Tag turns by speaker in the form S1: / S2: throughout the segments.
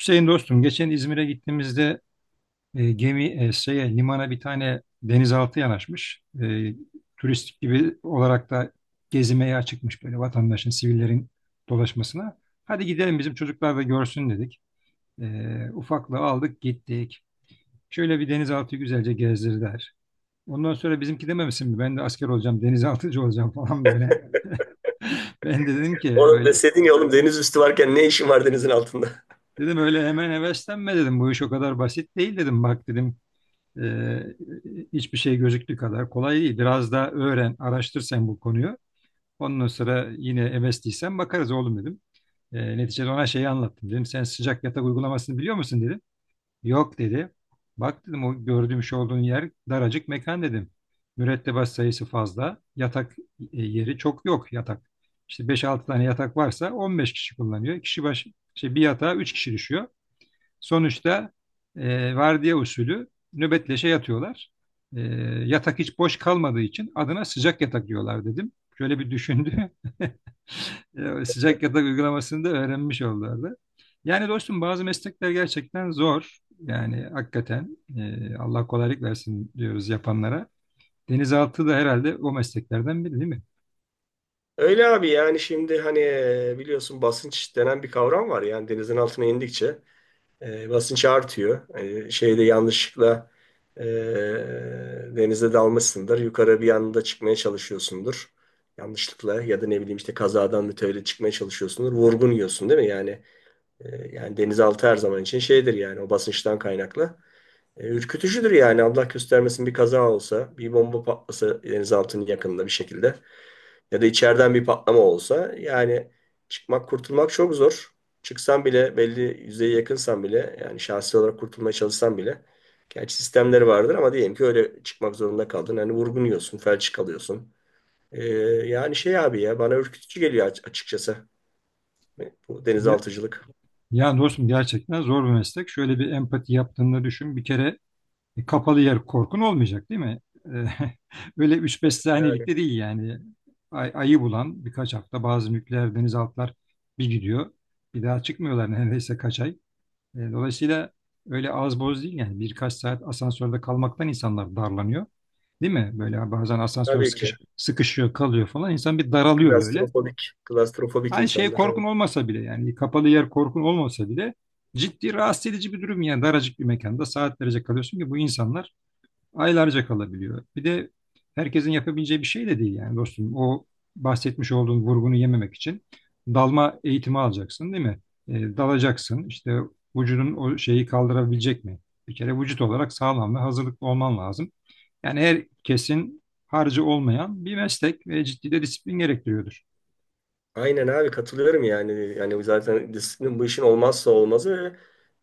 S1: Hüseyin dostum, geçen İzmir'e gittiğimizde gemi şeye, limana bir tane denizaltı yanaşmış. Turistik gibi olarak da gezmeye açıkmış böyle vatandaşın, sivillerin dolaşmasına. Hadi gidelim bizim çocuklar da görsün dedik. Ufaklığı aldık gittik. Şöyle bir denizaltı güzelce gezdirdiler. Ondan sonra bizimki dememişsin mi? Ben de asker olacağım, denizaltıcı olacağım falan böyle. Ben de dedim ki
S2: Oğlum
S1: öyle.
S2: deseydin ya oğlum deniz üstü varken ne işin var denizin altında?
S1: Dedim öyle hemen heveslenme dedim. Bu iş o kadar basit değil dedim. Bak dedim. Ee, hiçbir şey gözüktüğü kadar kolay değil. Biraz daha öğren, araştır sen bu konuyu. Ondan sonra yine MS'liysen bakarız oğlum dedim. Neticede ona şeyi anlattım. Dedim sen sıcak yatak uygulamasını biliyor musun dedim. Yok dedi. Bak dedim o gördüğüm şu olduğun yer daracık mekan dedim. Mürettebat sayısı fazla. Yatak yeri çok yok yatak. İşte beş altı tane yatak varsa 15 kişi kullanıyor. Kişi başı şey, bir yatağa 3 kişi düşüyor. Sonuçta vardiya usulü nöbetleşe yatıyorlar. E, yatak hiç boş kalmadığı için adına sıcak yatak diyorlar dedim. Şöyle bir düşündü. sıcak yatak uygulamasını da öğrenmiş oldulardı. Yani dostum bazı meslekler gerçekten zor. Yani hakikaten Allah kolaylık versin diyoruz yapanlara. Denizaltı da herhalde o mesleklerden biri değil mi?
S2: Öyle abi yani şimdi hani biliyorsun basınç denen bir kavram var. Yani denizin altına indikçe basınç artıyor. Şeyde yanlışlıkla e, denize dalmışsındır. Yukarı bir anda çıkmaya çalışıyorsundur. Yanlışlıkla ya da ne bileyim işte kazadan mütevellit çıkmaya çalışıyorsundur. Vurgun yiyorsun değil mi? Yani yani denizaltı her zaman için şeydir yani o basınçtan kaynaklı. Ürkütücüdür yani Allah göstermesin bir kaza olsa, bir bomba patlasa denizaltının yakınında bir şekilde ya da içeriden bir patlama olsa yani çıkmak kurtulmak çok zor. Çıksan bile belli yüzeye yakınsan bile yani şahsi olarak kurtulmaya çalışsan bile gerçi sistemleri vardır ama diyelim ki öyle çıkmak zorunda kaldın. Hani vurgunuyorsun, felç kalıyorsun. E, Yani şey abi ya bana ürkütücü geliyor açıkçası. Bu
S1: Ya,
S2: denizaltıcılık.
S1: ya dostum gerçekten zor bir meslek. Şöyle bir empati yaptığını düşün. Bir kere kapalı yer korkun olmayacak değil mi? E, Öyle üç beş
S2: Yani
S1: saniyelik de değil yani. Ayı bulan birkaç hafta bazı nükleer denizaltılar bir gidiyor. Bir daha çıkmıyorlar neredeyse kaç ay. Dolayısıyla öyle az boz değil yani. Birkaç saat asansörde kalmaktan insanlar darlanıyor. Değil mi? Böyle bazen asansör
S2: tabii ki
S1: sıkışıyor kalıyor falan. İnsan bir daralıyor böyle.
S2: klastrofobik, klastrofobik
S1: Hani şey
S2: insanlar.
S1: korkun
S2: Evet.
S1: olmasa bile yani kapalı yer korkun olmasa bile ciddi rahatsız edici bir durum yani daracık bir mekanda saatlerce kalıyorsun ki bu insanlar aylarca kalabiliyor. Bir de herkesin yapabileceği bir şey de değil yani dostum. O bahsetmiş olduğun vurgunu yememek için dalma eğitimi alacaksın değil mi? Dalacaksın İşte vücudun o şeyi kaldırabilecek mi? Bir kere vücut olarak sağlam ve hazırlıklı olman lazım. Yani herkesin harcı olmayan bir meslek ve ciddi de disiplin gerektiriyordur.
S2: Aynen abi katılıyorum yani. Yani zaten disiplin bu işin olmazsa olmazı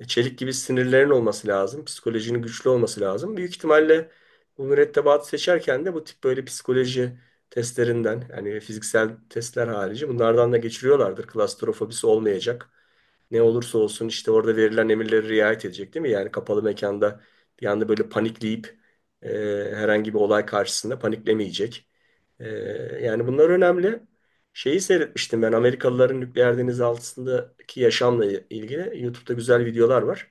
S2: ve çelik gibi sinirlerin olması lazım. Psikolojinin güçlü olması lazım. Büyük ihtimalle bu mürettebatı seçerken de bu tip böyle psikoloji testlerinden yani fiziksel testler harici bunlardan da geçiriyorlardır. Klastrofobisi olmayacak, ne olursa olsun işte orada verilen emirlere riayet edecek değil mi? Yani kapalı mekanda bir anda böyle panikleyip e, herhangi bir olay karşısında paniklemeyecek. E, Yani bunlar önemli. Şeyi seyretmiştim ben, Amerikalıların nükleer deniz altındaki yaşamla ilgili YouTube'da güzel videolar var.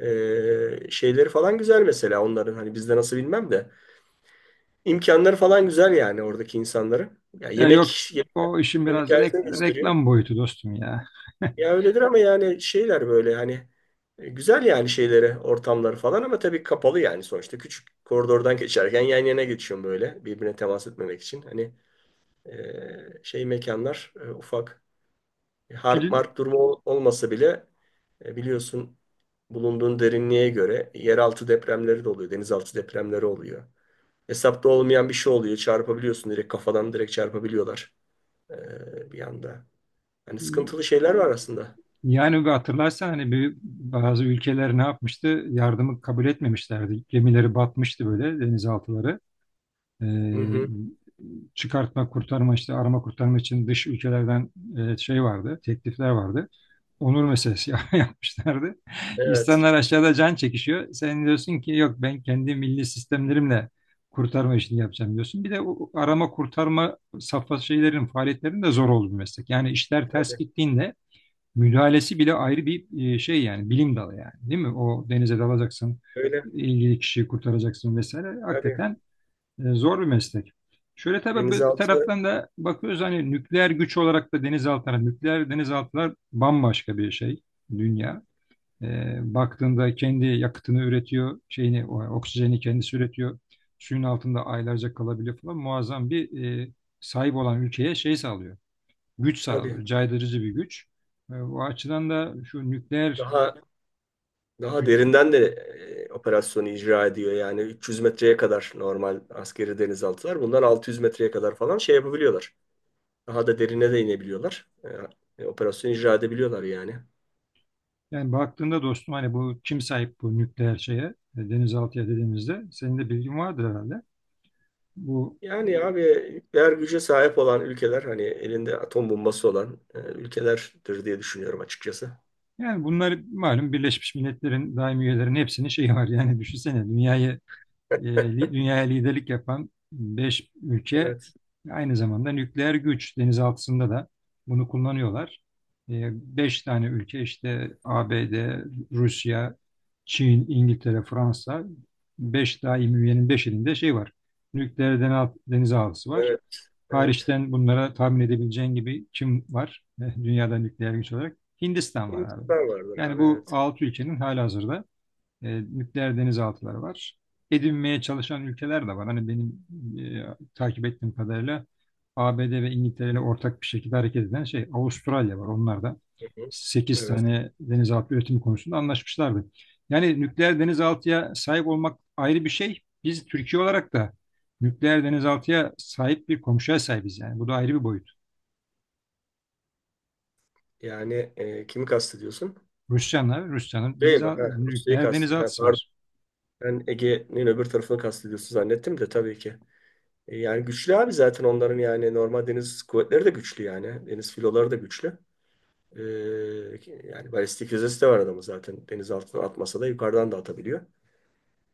S2: Şeyleri falan güzel mesela onların, hani bizde nasıl bilmem de imkanları falan güzel yani oradaki insanların. Ya
S1: Ya yok
S2: yemek yemek,
S1: o işin
S2: yemek
S1: biraz
S2: gösteriyor.
S1: reklam boyutu dostum ya.
S2: Ya öyledir ama yani şeyler böyle hani güzel yani şeyleri ortamları falan, ama tabii kapalı yani sonuçta küçük koridordan geçerken yan yana geçiyorum böyle birbirine temas etmemek için. Hani şey mekanlar ufak. E, harp
S1: Film
S2: marp durumu olmasa bile biliyorsun bulunduğun derinliğe göre yeraltı depremleri de oluyor, denizaltı depremleri oluyor. Hesapta olmayan bir şey oluyor, çarpabiliyorsun direkt kafadan, direkt çarpabiliyorlar bir anda. Hani sıkıntılı şeyler var aslında.
S1: Yani bu hatırlarsan hani bazı ülkeler ne yapmıştı? Yardımı kabul etmemişlerdi. Gemileri batmıştı böyle denizaltıları. Ee,
S2: Hı hı.
S1: çıkartma, kurtarma işte arama kurtarma için dış ülkelerden şey vardı, teklifler vardı. Onur meselesi yapmışlardı.
S2: Evet.
S1: İnsanlar aşağıda can çekişiyor. Sen diyorsun ki yok ben kendi milli sistemlerimle kurtarma işini yapacağım diyorsun. Bir de o arama kurtarma safhası şeylerin faaliyetlerinin de zor olduğu bir meslek. Yani işler ters
S2: Tabii,
S1: gittiğinde müdahalesi bile ayrı bir şey yani bilim dalı yani değil mi? O denize dalacaksın,
S2: öyle.
S1: ilgili kişiyi kurtaracaksın vesaire.
S2: Tabii.
S1: Hakikaten zor bir meslek. Şöyle tabii bir
S2: Denizaltı
S1: taraftan da bakıyoruz hani nükleer güç olarak da denizaltılar, nükleer denizaltılar bambaşka bir şey dünya. Baktığında kendi yakıtını üretiyor, şeyini, oksijeni kendisi üretiyor. Suyun altında aylarca kalabiliyor falan. Muazzam bir e, sahip olan ülkeye şey sağlıyor, güç
S2: tabii
S1: sağlıyor, caydırıcı bir güç. O açıdan da şu nükleer
S2: daha daha
S1: gü-
S2: derinden de operasyonu icra ediyor. Yani 300 metreye kadar normal askeri denizaltılar. Bunlar 600 metreye kadar falan şey yapabiliyorlar. Daha da derine de inebiliyorlar. Operasyonu icra edebiliyorlar yani.
S1: yani baktığında dostum hani bu kim sahip bu nükleer şeye denizaltıya dediğimizde senin de bilgin vardır herhalde. Bu
S2: Yani abi nükleer güce sahip olan ülkeler hani elinde atom bombası olan ülkelerdir diye düşünüyorum açıkçası.
S1: yani bunlar malum Birleşmiş Milletler'in daimi üyelerinin hepsinin şeyi var. Yani düşünsene dünyayı e, dünyaya liderlik yapan 5 ülke
S2: Evet.
S1: aynı zamanda nükleer güç denizaltısında da bunu kullanıyorlar. E, 5 tane ülke işte ABD, Rusya, Çin, İngiltere, Fransa. 5 daimi üyenin beşinde şey var. Nükleer denizaltısı var.
S2: Evet. Evet.
S1: Hariçten bunlara tahmin edebileceğin gibi kim var? Dünyada nükleer güç olarak Hindistan var abi.
S2: Hindistan vardır
S1: Yani
S2: abi,
S1: bu
S2: evet.
S1: 6 ülkenin halihazırda nükleer denizaltıları var. Edinmeye çalışan ülkeler de var. Hani benim takip ettiğim kadarıyla ABD ve İngiltere ile ortak bir şekilde hareket eden şey Avustralya var. Onlar da
S2: Hı hı.
S1: sekiz
S2: Evet.
S1: tane denizaltı üretimi konusunda anlaşmışlardı. Yani nükleer denizaltıya sahip olmak ayrı bir şey. Biz Türkiye olarak da nükleer denizaltıya sahip bir komşuya sahibiz yani. Bu da ayrı bir boyut.
S2: Yani kimi kastediyorsun?
S1: Rusya'nın
S2: Değil mi? Ha, Rusya'yı
S1: nükleer
S2: kastediyorsun. Ha,
S1: denizaltısı
S2: pardon.
S1: var.
S2: Ben Ege'nin öbür tarafını kastediyorsun zannettim de, tabii ki. Yani güçlü abi, zaten onların yani normal deniz kuvvetleri de güçlü yani. Deniz filoları da güçlü. E, Yani balistik füzesi de var adamın zaten. Deniz altından atmasa da yukarıdan da atabiliyor.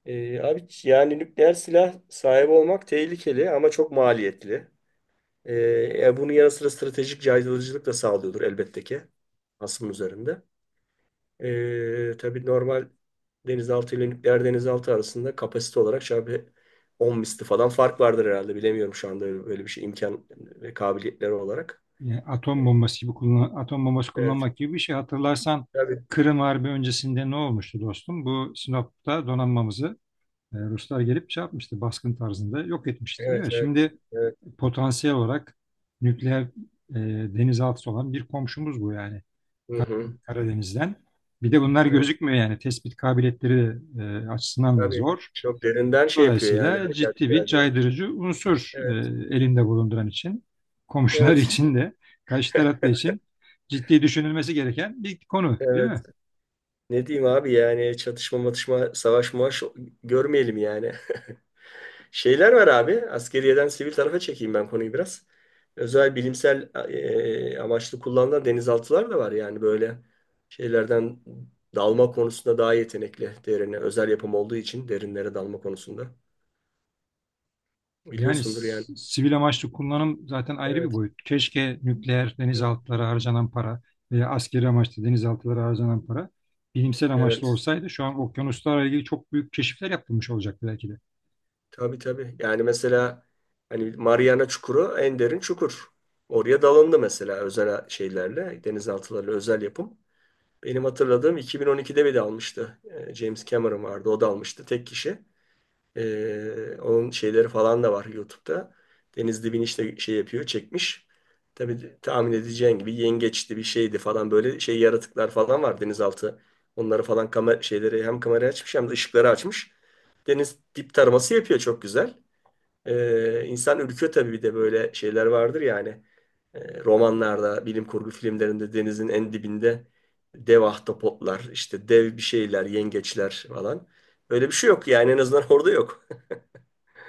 S2: Abi yani nükleer silah sahibi olmak tehlikeli ama çok maliyetli. E, bunun yanı sıra stratejik caydırıcılık da sağlıyordur elbette ki hasımın üzerinde. Tabii normal denizaltı ile nükleer denizaltı arasında kapasite olarak şöyle 10 misli falan fark vardır herhalde. Bilemiyorum şu anda öyle, böyle bir şey imkan ve kabiliyetleri olarak.
S1: Yani atom bombası gibi atom bombası
S2: Evet,
S1: kullanmak gibi bir şey. Hatırlarsan
S2: tabii.
S1: Kırım Harbi öncesinde ne olmuştu dostum? Bu Sinop'ta donanmamızı Ruslar gelip şey yapmıştı, baskın tarzında yok etmişti değil
S2: Evet,
S1: mi?
S2: evet.
S1: Şimdi
S2: Evet.
S1: potansiyel olarak nükleer e, denizaltısı olan bir komşumuz bu yani
S2: Hı hı.
S1: Karadeniz'den. Bir de bunlar
S2: Evet.
S1: gözükmüyor yani tespit kabiliyetleri de, açısından da
S2: Tabii
S1: zor.
S2: çok derinden şey yapıyor yani,
S1: Dolayısıyla ciddi
S2: hareketler
S1: bir
S2: ediyor.
S1: caydırıcı unsur
S2: Evet.
S1: elinde bulunduran için, komşular
S2: Evet.
S1: için de, karşı tarafta için ciddi düşünülmesi gereken bir konu, değil
S2: Evet.
S1: mi?
S2: Ne diyeyim abi yani, çatışma matışma savaş muaş görmeyelim yani. Şeyler var abi. Askeriyeden sivil tarafa çekeyim ben konuyu biraz. Özel bilimsel amaçlı kullanılan denizaltılar da var. Yani böyle şeylerden dalma konusunda daha yetenekli derine. Özel yapım olduğu için derinlere dalma konusunda.
S1: Yani
S2: Biliyorsundur yani.
S1: sivil amaçlı kullanım zaten ayrı bir
S2: Evet.
S1: boyut. Keşke nükleer
S2: Hı.
S1: denizaltılara harcanan para veya askeri amaçlı denizaltılara harcanan para bilimsel amaçlı
S2: Evet.
S1: olsaydı şu an okyanuslarla ilgili çok büyük keşifler yapılmış olacaktı belki de.
S2: Tabii tabii. Yani mesela hani Mariana Çukuru en derin çukur. Oraya dalındı mesela özel şeylerle, denizaltılarla, özel yapım. Benim hatırladığım 2012'de bir de almıştı. James Cameron vardı. O da almıştı. Tek kişi. Onun şeyleri falan da var YouTube'da. Deniz dibini işte şey yapıyor. Çekmiş. Tabii tahmin edeceğin gibi yengeçti bir şeydi falan. Böyle şey yaratıklar falan var denizaltı. Onları falan kamera şeyleri, hem kamerayı açmış hem de ışıkları açmış. Deniz dip taraması yapıyor çok güzel. İnsan ürküyor tabii, bir de böyle şeyler vardır yani. Romanlarda, bilim kurgu filmlerinde denizin en dibinde dev ahtapotlar, işte dev bir şeyler, yengeçler falan. Öyle bir şey yok yani, en azından orada yok.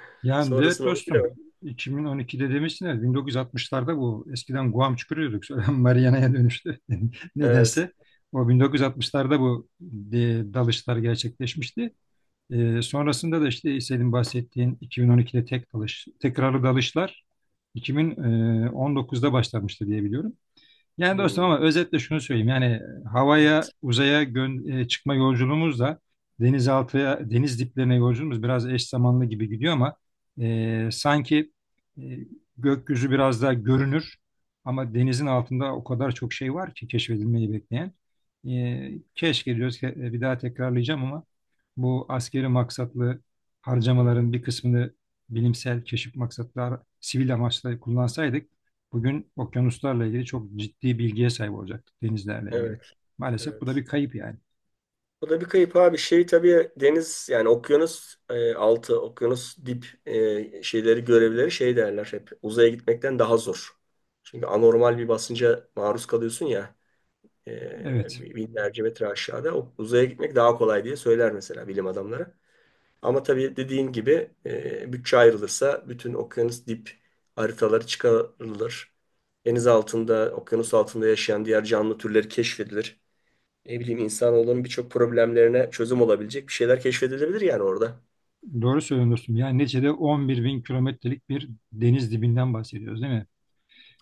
S1: Yani evet
S2: Sonrasını onu
S1: dostum
S2: bilemem.
S1: 2012'de demiştin ya, 1960'larda bu eskiden Guam çukuruyorduk sonra Mariana'ya dönüştü
S2: Evet.
S1: nedense. O 1960'larda bu e, dalışlar gerçekleşmişti. Sonrasında da işte senin bahsettiğin 2012'de tek dalış, tekrarlı dalışlar 2019'da başlamıştı diye biliyorum. Yani dostum
S2: Hmm.
S1: ama özetle şunu söyleyeyim. Yani havaya,
S2: Evet.
S1: uzaya çıkma yolculuğumuzla denizaltıya, deniz diplerine yolculuğumuz biraz eş zamanlı gibi gidiyor ama sanki e, gökyüzü biraz daha görünür ama denizin altında o kadar çok şey var ki keşfedilmeyi bekleyen. Keşke diyoruz ki bir daha tekrarlayacağım ama bu askeri maksatlı
S2: Hı
S1: harcamaların
S2: hı.
S1: bir kısmını bilimsel keşif maksatlar, sivil amaçla kullansaydık bugün okyanuslarla ilgili çok ciddi bilgiye sahip olacaktık, denizlerle ilgili.
S2: Evet.
S1: Maalesef bu da
S2: Evet.
S1: bir kayıp yani.
S2: Bu da bir kayıp abi. Şey tabii deniz yani okyanus altı, okyanus dip şeyleri görevleri şey derler hep. Uzaya gitmekten daha zor. Çünkü anormal bir basınca maruz kalıyorsun ya.
S1: Evet,
S2: Binlerce metre aşağıda. O, uzaya gitmek daha kolay diye söyler mesela bilim adamları. Ama tabii dediğin gibi bütçe ayrılırsa bütün okyanus dip haritaları çıkarılır. Deniz altında, okyanus altında yaşayan diğer canlı türleri keşfedilir. Ne bileyim, insanoğlunun birçok problemlerine çözüm olabilecek bir şeyler keşfedilebilir yani orada.
S1: doğru söylüyorsun dostum. Yani neticede 11 bin kilometrelik bir deniz dibinden bahsediyoruz değil mi?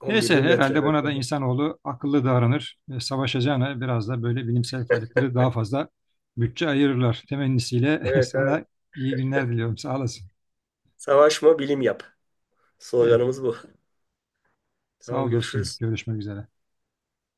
S2: 11
S1: Neyse
S2: bin metre.
S1: herhalde
S2: Evet,
S1: buna da
S2: evet.
S1: insanoğlu akıllı davranır. Savaşacağına biraz da böyle bilimsel faaliyetlere daha fazla bütçe ayırırlar. Temennisiyle
S2: Evet.
S1: sana iyi günler diliyorum. Sağ olasın.
S2: Savaşma, bilim yap.
S1: Evet,
S2: Sloganımız bu.
S1: sağ
S2: Tamam,
S1: ol dostum.
S2: görüşürüz.
S1: Görüşmek üzere.